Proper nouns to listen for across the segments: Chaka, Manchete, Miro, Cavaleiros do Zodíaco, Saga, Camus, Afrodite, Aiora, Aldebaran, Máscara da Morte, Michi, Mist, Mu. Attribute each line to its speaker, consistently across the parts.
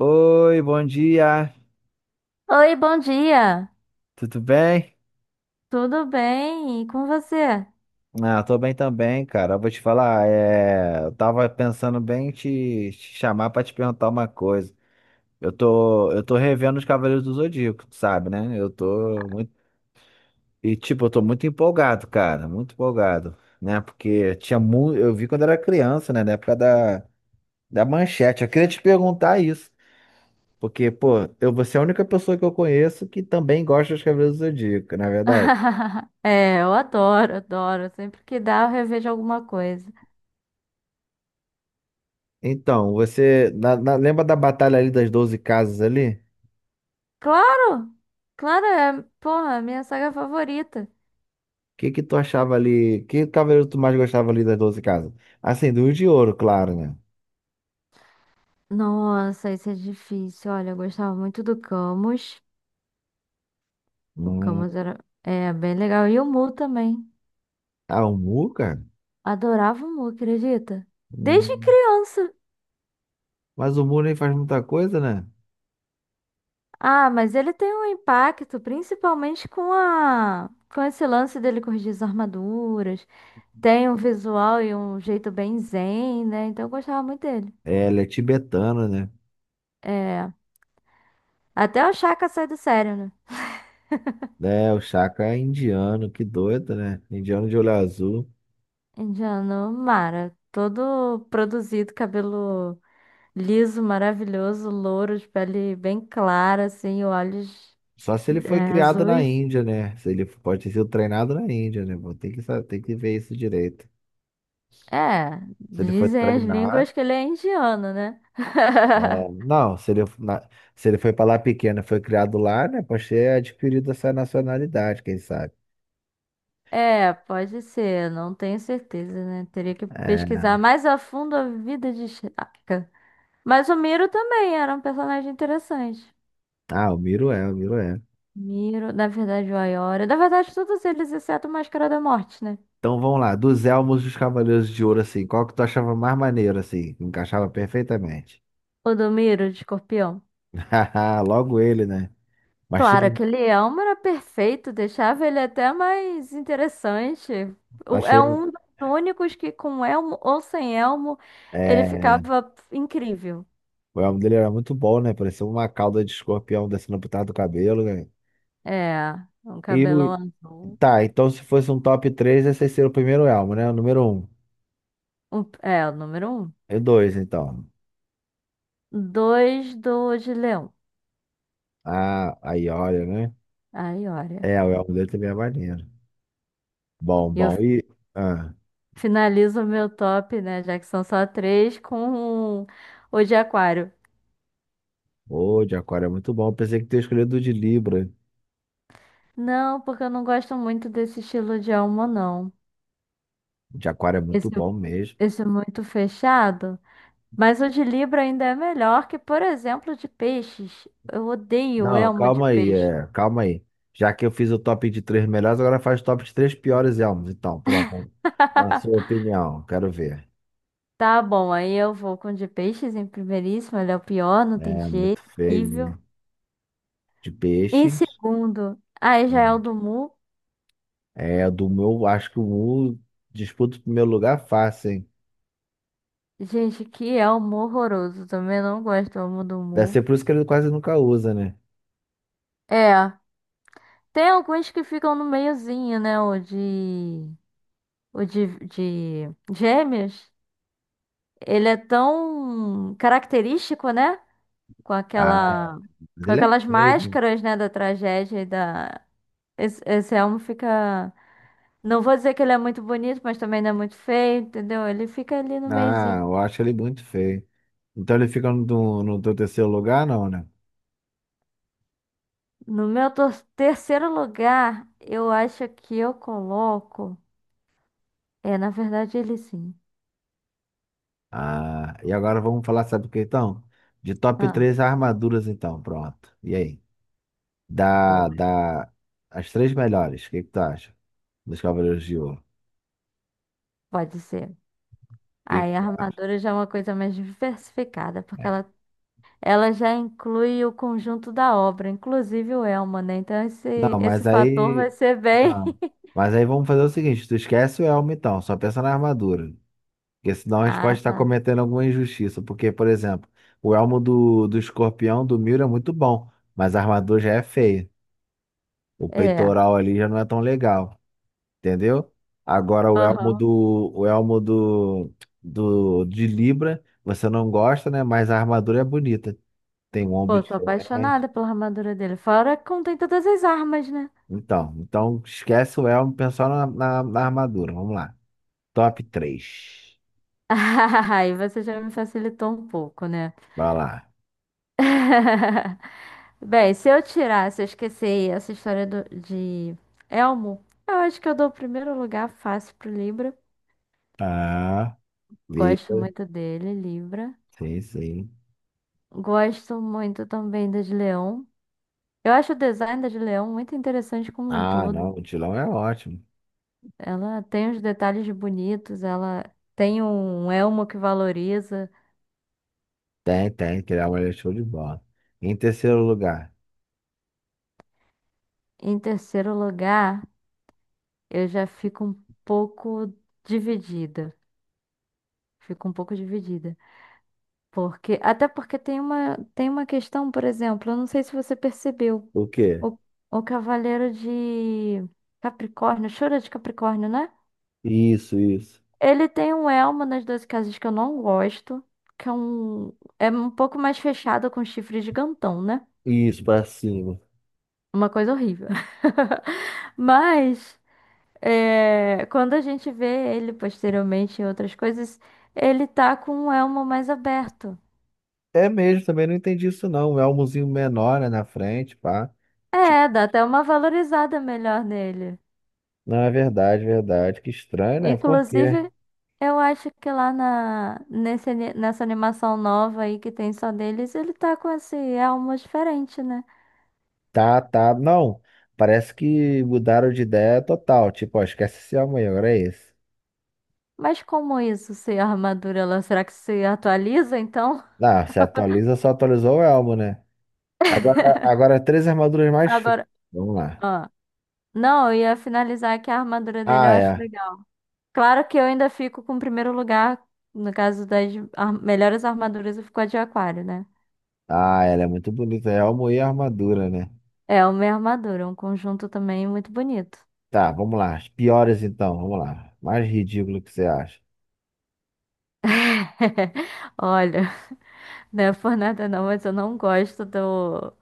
Speaker 1: Oi, bom dia,
Speaker 2: Oi, bom dia.
Speaker 1: tudo bem?
Speaker 2: Tudo bem? E com você?
Speaker 1: Ah, tô bem também, cara. Eu vou te falar, eu tava pensando bem em te chamar pra te perguntar uma coisa. Eu tô revendo os Cavaleiros do Zodíaco, tu sabe, né? Eu tô muito. E, tipo, eu tô muito empolgado, cara, muito empolgado, né? Porque tinha muito. Eu vi quando era criança, né? Na época da Manchete. Eu queria te perguntar isso, porque, pô, eu, você é a única pessoa que eu conheço que também gosta dos Cavaleiros do Zodíaco, na verdade?
Speaker 2: É, eu adoro, adoro. Sempre que dá, eu revejo alguma coisa.
Speaker 1: Então, você lembra da batalha ali das 12 casas ali? O
Speaker 2: Claro! Claro, é, porra, é a minha saga favorita.
Speaker 1: que que tu achava ali? Que cavaleiro tu mais gostava ali das 12 casas? Assim, do de ouro, claro, né?
Speaker 2: Nossa, isso é difícil. Olha, eu gostava muito do Camus. O
Speaker 1: Hum,
Speaker 2: Camus era bem legal. E o Mu também.
Speaker 1: ah, o Mu, cara?
Speaker 2: Adorava o Mu, acredita? Desde
Speaker 1: Hum,
Speaker 2: criança.
Speaker 1: mas o Mu nem faz muita coisa, né?
Speaker 2: Ah, mas ele tem um impacto, principalmente com esse lance dele corrigir as armaduras. Tem um visual e um jeito bem zen, né? Então eu gostava muito dele.
Speaker 1: É, ele é tibetano, né?
Speaker 2: É, até o Chaka sai do sério, né?
Speaker 1: É, o Chaka é indiano, que doido, né? Indiano de olho azul.
Speaker 2: Indiano Mara, todo produzido, cabelo liso, maravilhoso, louro, de pele bem clara, assim, olhos
Speaker 1: Só se ele
Speaker 2: é,
Speaker 1: foi criado na
Speaker 2: azuis.
Speaker 1: Índia, né? Se ele pode ter sido treinado na Índia, né? Pô, tem que, tem que ver isso direito.
Speaker 2: É,
Speaker 1: Se ele foi
Speaker 2: dizem as línguas
Speaker 1: treinado.
Speaker 2: que ele é indiano, né?
Speaker 1: É, não, se ele, se ele foi para lá pequeno, e foi criado lá, né? Pode ter adquirido essa nacionalidade, quem sabe.
Speaker 2: É, pode ser, não tenho certeza, né? Teria que
Speaker 1: É.
Speaker 2: pesquisar mais a fundo a vida de Chaka. Mas o Miro também era um personagem interessante.
Speaker 1: Ah, o Miro é.
Speaker 2: Miro, na verdade, o Aiora. Na verdade, todos eles, exceto o Máscara da Morte, né?
Speaker 1: Então vamos lá, dos elmos dos Cavaleiros de Ouro, assim, qual que tu achava mais maneiro, assim? Que encaixava perfeitamente.
Speaker 2: O do Miro, de escorpião.
Speaker 1: Haha, logo ele, né? Mas tinha,
Speaker 2: Claro, aquele elmo era perfeito, deixava ele até mais interessante.
Speaker 1: mas
Speaker 2: É
Speaker 1: tinha-
Speaker 2: um dos únicos que, com elmo ou sem elmo, ele
Speaker 1: é,
Speaker 2: ficava incrível.
Speaker 1: o elmo dele era muito bom, né? Parecia uma cauda de escorpião descendo por trás do cabelo, né?
Speaker 2: É, um
Speaker 1: E o-
Speaker 2: cabelão azul.
Speaker 1: tá, então se fosse um top 3, esse seria o primeiro elmo, né? O número um,
Speaker 2: O número um.
Speaker 1: e dois, então.
Speaker 2: Dois do de leão.
Speaker 1: Ah, aí olha, né?
Speaker 2: Aí Aiora.
Speaker 1: É, o elmo dele também é maneiro. Bom, bom. E. Ah,
Speaker 2: Finalizo o meu top, né? Já que são só três, com o de aquário.
Speaker 1: o de aquário é muito bom. Pensei que tinha escolhido o de Libra.
Speaker 2: Não, porque eu não gosto muito desse estilo de alma, não.
Speaker 1: O de aquário é muito
Speaker 2: Esse,
Speaker 1: bom mesmo.
Speaker 2: esse é muito fechado. Mas o de Libra ainda é melhor que, por exemplo, o de peixes. Eu odeio
Speaker 1: Não,
Speaker 2: elma de
Speaker 1: calma aí,
Speaker 2: peixe.
Speaker 1: é, calma aí. Já que eu fiz o top de três melhores, agora faz o top de três piores elmos. Então, pronto. Na sua opinião, quero ver.
Speaker 2: Tá bom, aí eu vou com o de peixes em primeiríssimo. Ele é o pior, não tem
Speaker 1: É
Speaker 2: jeito.
Speaker 1: muito feio,
Speaker 2: Horrível.
Speaker 1: né? De
Speaker 2: Em
Speaker 1: peixes.
Speaker 2: segundo, aí já é o
Speaker 1: Hum.
Speaker 2: do Mu.
Speaker 1: É, do meu, acho que o Mu disputa o primeiro lugar fácil, hein?
Speaker 2: Gente, que elmo horroroso. Também não gosto do elmo do
Speaker 1: Deve ser
Speaker 2: Mu.
Speaker 1: por isso que ele quase nunca usa, né?
Speaker 2: É. Tem alguns que ficam no meiozinho, né? O de gêmeos. Ele é tão característico, né? Com
Speaker 1: Ah,
Speaker 2: aquela.
Speaker 1: mas
Speaker 2: Com
Speaker 1: ele é
Speaker 2: aquelas
Speaker 1: feio, né?
Speaker 2: máscaras, né? Da tragédia e da. Esse elmo fica. Não vou dizer que ele é muito bonito, mas também não é muito feio, entendeu? Ele fica ali no
Speaker 1: Ah,
Speaker 2: meiozinho.
Speaker 1: eu acho ele muito feio. Então ele fica no teu terceiro lugar, não, né?
Speaker 2: No meu terceiro lugar, eu acho que eu coloco. É, na verdade, ele sim.
Speaker 1: Ah, e agora vamos falar, sabe o que então? De top
Speaker 2: Ah,
Speaker 1: três armaduras, então, pronto. E aí?
Speaker 2: pô,
Speaker 1: Da, da, as três melhores, o que que tu acha? Dos Cavaleiros de Ouro. O
Speaker 2: pode ser.
Speaker 1: que que
Speaker 2: Aí a
Speaker 1: tu acha?
Speaker 2: armadura já é uma coisa mais diversificada,
Speaker 1: É.
Speaker 2: ela já inclui o conjunto da obra, inclusive o elmo, né? Então
Speaker 1: Não,
Speaker 2: esse
Speaker 1: mas
Speaker 2: fator vai
Speaker 1: aí.
Speaker 2: ser bem.
Speaker 1: Não. Mas aí vamos fazer o seguinte: tu esquece o elmo, então, só pensa na armadura. Porque senão a gente pode
Speaker 2: Ah,
Speaker 1: estar
Speaker 2: tá.
Speaker 1: cometendo alguma injustiça. Porque, por exemplo, o elmo do escorpião do Miro é muito bom, mas a armadura já é feia. O
Speaker 2: É.
Speaker 1: peitoral ali já não é tão legal, entendeu? Agora
Speaker 2: Aham.
Speaker 1: o elmo do de Libra, você não gosta, né? Mas a armadura é bonita. Tem um ombro
Speaker 2: Pô, sou
Speaker 1: diferente.
Speaker 2: apaixonada pela armadura dele. Fora que contém todas as armas, né?
Speaker 1: Então, então esquece o elmo, pensa só na armadura. Vamos lá. Top três.
Speaker 2: Aí você já me facilitou um pouco, né?
Speaker 1: Vai lá.
Speaker 2: Bem, se eu esquecer essa história de Elmo, eu acho que eu dou o primeiro lugar fácil pro Libra.
Speaker 1: Ah,
Speaker 2: Gosto
Speaker 1: Libra.
Speaker 2: muito dele, Libra.
Speaker 1: Sim, sim.
Speaker 2: Gosto muito também da de Leão. Eu acho o design da de Leão muito interessante como um
Speaker 1: Ah,
Speaker 2: todo.
Speaker 1: não, o Tilão é ótimo.
Speaker 2: Ela tem os detalhes bonitos, ela tem um elmo que valoriza.
Speaker 1: Tem, tem, criar uma é show de bola. Em terceiro lugar,
Speaker 2: Em terceiro lugar, eu já fico um pouco dividida. Fico um pouco dividida. Porque, até porque tem uma questão, por exemplo, eu não sei se você percebeu.
Speaker 1: o quê?
Speaker 2: O, o Cavaleiro de Capricórnio, Chora de Capricórnio, né?
Speaker 1: Isso, isso.
Speaker 2: Ele tem um elmo nas Doze Casas que eu não gosto, que é um, é um pouco mais fechado com chifre gigantão, né?
Speaker 1: Isso, pra cima.
Speaker 2: Uma coisa horrível. Mas é, quando a gente vê ele posteriormente em outras coisas, ele tá com um elmo mais aberto.
Speaker 1: É mesmo, também não entendi isso não. É um elmozinho menor, né, na frente, pá. Ti-
Speaker 2: É, dá até uma valorizada melhor nele.
Speaker 1: Não, é verdade, verdade. Que estranho, né? Por quê?
Speaker 2: Inclusive, eu acho que lá nesse nessa animação nova aí que tem só deles, ele tá com esse elmo diferente, né?
Speaker 1: Tá, tá. Não, parece que mudaram de ideia total. Tipo, ó, esquece esse elmo aí, agora é esse.
Speaker 2: Mas como isso, se a armadura, ela, será que se atualiza então?
Speaker 1: Não, se atualiza, só atualizou o elmo, né? Agora três armaduras mais finas.
Speaker 2: Agora,
Speaker 1: Vamos lá.
Speaker 2: ah, não, eu ia finalizar que a armadura dele eu
Speaker 1: Ah,
Speaker 2: acho
Speaker 1: é.
Speaker 2: legal. Claro que eu ainda fico com o primeiro lugar, no caso das melhores armaduras, eu fico com a de aquário, né?
Speaker 1: Ah, ela é muito bonita. É alma e armadura, né?
Speaker 2: É uma armadura, um conjunto também muito bonito.
Speaker 1: Tá, vamos lá. As piores então, vamos lá. Mais ridículo que você acha.
Speaker 2: Olha, não é por nada não, mas eu não gosto do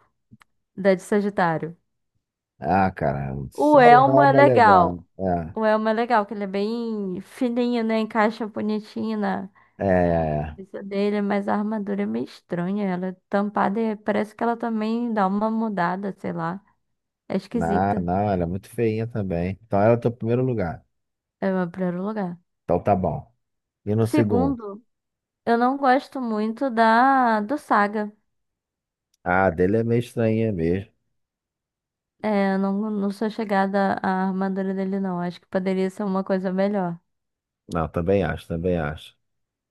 Speaker 2: da de Sagitário.
Speaker 1: Ah, cara, só
Speaker 2: O
Speaker 1: o
Speaker 2: elmo é
Speaker 1: alma é legal.
Speaker 2: legal. O elmo é legal, que ele é bem fininho, né? Encaixa bonitinho, né?
Speaker 1: É.
Speaker 2: Isso dele, mas a armadura é meio estranha. Ela é tampada e parece que ela também dá uma mudada, sei lá. É
Speaker 1: Não,
Speaker 2: esquisita.
Speaker 1: não, ela é muito feinha também. Então ela é o teu primeiro lugar.
Speaker 2: É o meu primeiro lugar.
Speaker 1: Então tá bom. E no segundo?
Speaker 2: Segundo, eu não gosto muito da do Saga.
Speaker 1: Ah, a dele é meio estranha mesmo.
Speaker 2: É, eu não sou chegada à armadura dele, não. Acho que poderia ser uma coisa melhor.
Speaker 1: Não, também acho, também acho.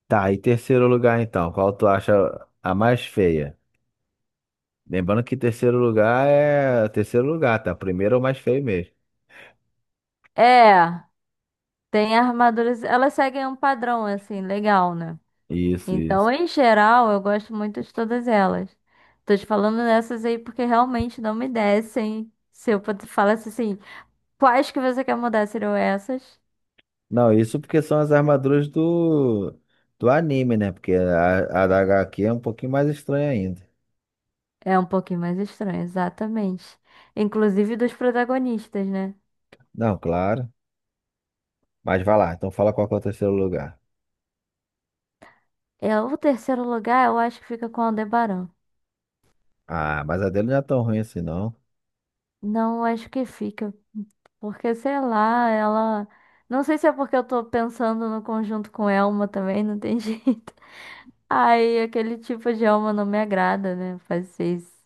Speaker 1: Tá, e terceiro lugar então, qual tu acha a mais feia? Lembrando que terceiro lugar é terceiro lugar, tá? Primeiro é o mais feio mesmo.
Speaker 2: É, tem armaduras. Elas seguem um padrão, assim, legal, né?
Speaker 1: Isso, isso.
Speaker 2: Então, em geral, eu gosto muito de todas elas. Tô te falando dessas aí porque realmente não me descem. Se eu falasse assim, quais que você quer mudar serão essas?
Speaker 1: Não, isso porque são as armaduras do anime, né? Porque a da HQ é um pouquinho mais estranha ainda.
Speaker 2: É um pouquinho mais estranho, exatamente. Inclusive dos protagonistas, né?
Speaker 1: Não, claro. Mas vai lá, então fala qual que é o terceiro lugar.
Speaker 2: É, o terceiro lugar eu acho que fica com Aldebaran.
Speaker 1: Ah, mas a dele não é tão ruim assim, não.
Speaker 2: Não, eu acho que fica, porque sei lá, ela. Não sei se é porque eu tô pensando no conjunto com Elma também, não tem jeito. Aí aquele tipo de Elma não me agrada, né? Fazer isso.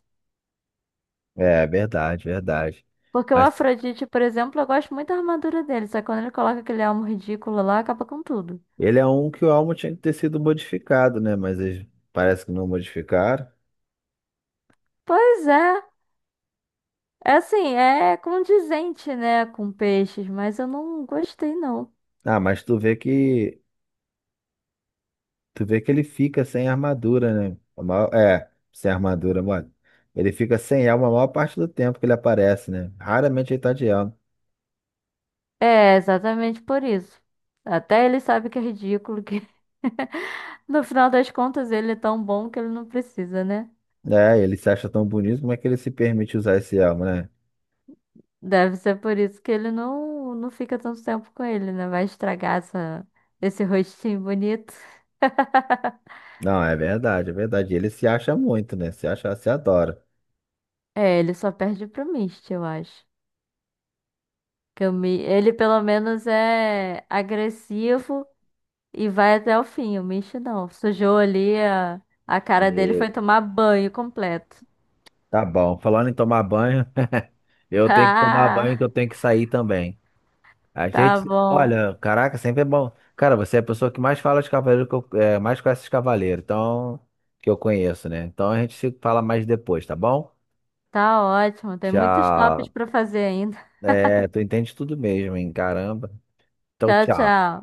Speaker 1: É, é verdade, verdade.
Speaker 2: Porque o
Speaker 1: Mas
Speaker 2: Afrodite, por exemplo, eu gosto muito da armadura dele, só que quando ele coloca aquele elmo ridículo lá, acaba com tudo.
Speaker 1: ele é um que o Almo tinha que ter sido modificado, né? Mas eles parece que não modificaram.
Speaker 2: Pois é, é assim, é condizente, né, com peixes, mas eu não gostei, não.
Speaker 1: Ah, mas tu vê que ele fica sem armadura, né? A maior- é, sem armadura, mano. Ele fica sem elmo a maior parte do tempo que ele aparece, né? Raramente ele tá de elmo.
Speaker 2: É, exatamente por isso. Até ele sabe que é ridículo, que no final das contas ele é tão bom que ele não precisa, né?
Speaker 1: É, ele se acha tão bonito, como é que ele se permite usar esse elmo, né?
Speaker 2: Deve ser por isso que ele não, não fica tanto tempo com ele, né? Vai estragar esse rostinho bonito.
Speaker 1: Não, é verdade, é verdade. Ele se acha muito, né? Se acha, se adora.
Speaker 2: É, ele só perde pro Mist, eu acho. Que o ele pelo menos é agressivo. E vai até o fim, o Michi não. Sujou ali a cara dele,
Speaker 1: E
Speaker 2: foi tomar banho completo.
Speaker 1: tá bom. Falando em tomar banho, eu tenho que tomar banho
Speaker 2: Ah,
Speaker 1: que eu tenho que sair também. A
Speaker 2: tá
Speaker 1: gente,
Speaker 2: bom.
Speaker 1: olha, caraca, sempre é bom. Cara, você é a pessoa que mais fala de cavaleiro, que eu, é, mais conhece de cavaleiro, então, que eu conheço, né? Então a gente se fala mais depois, tá bom?
Speaker 2: Tá ótimo. Tem muitos tops
Speaker 1: Tchau.
Speaker 2: pra fazer ainda.
Speaker 1: É, tu entende tudo mesmo, hein? Caramba. Então,
Speaker 2: Tchau,
Speaker 1: tchau.
Speaker 2: tchau.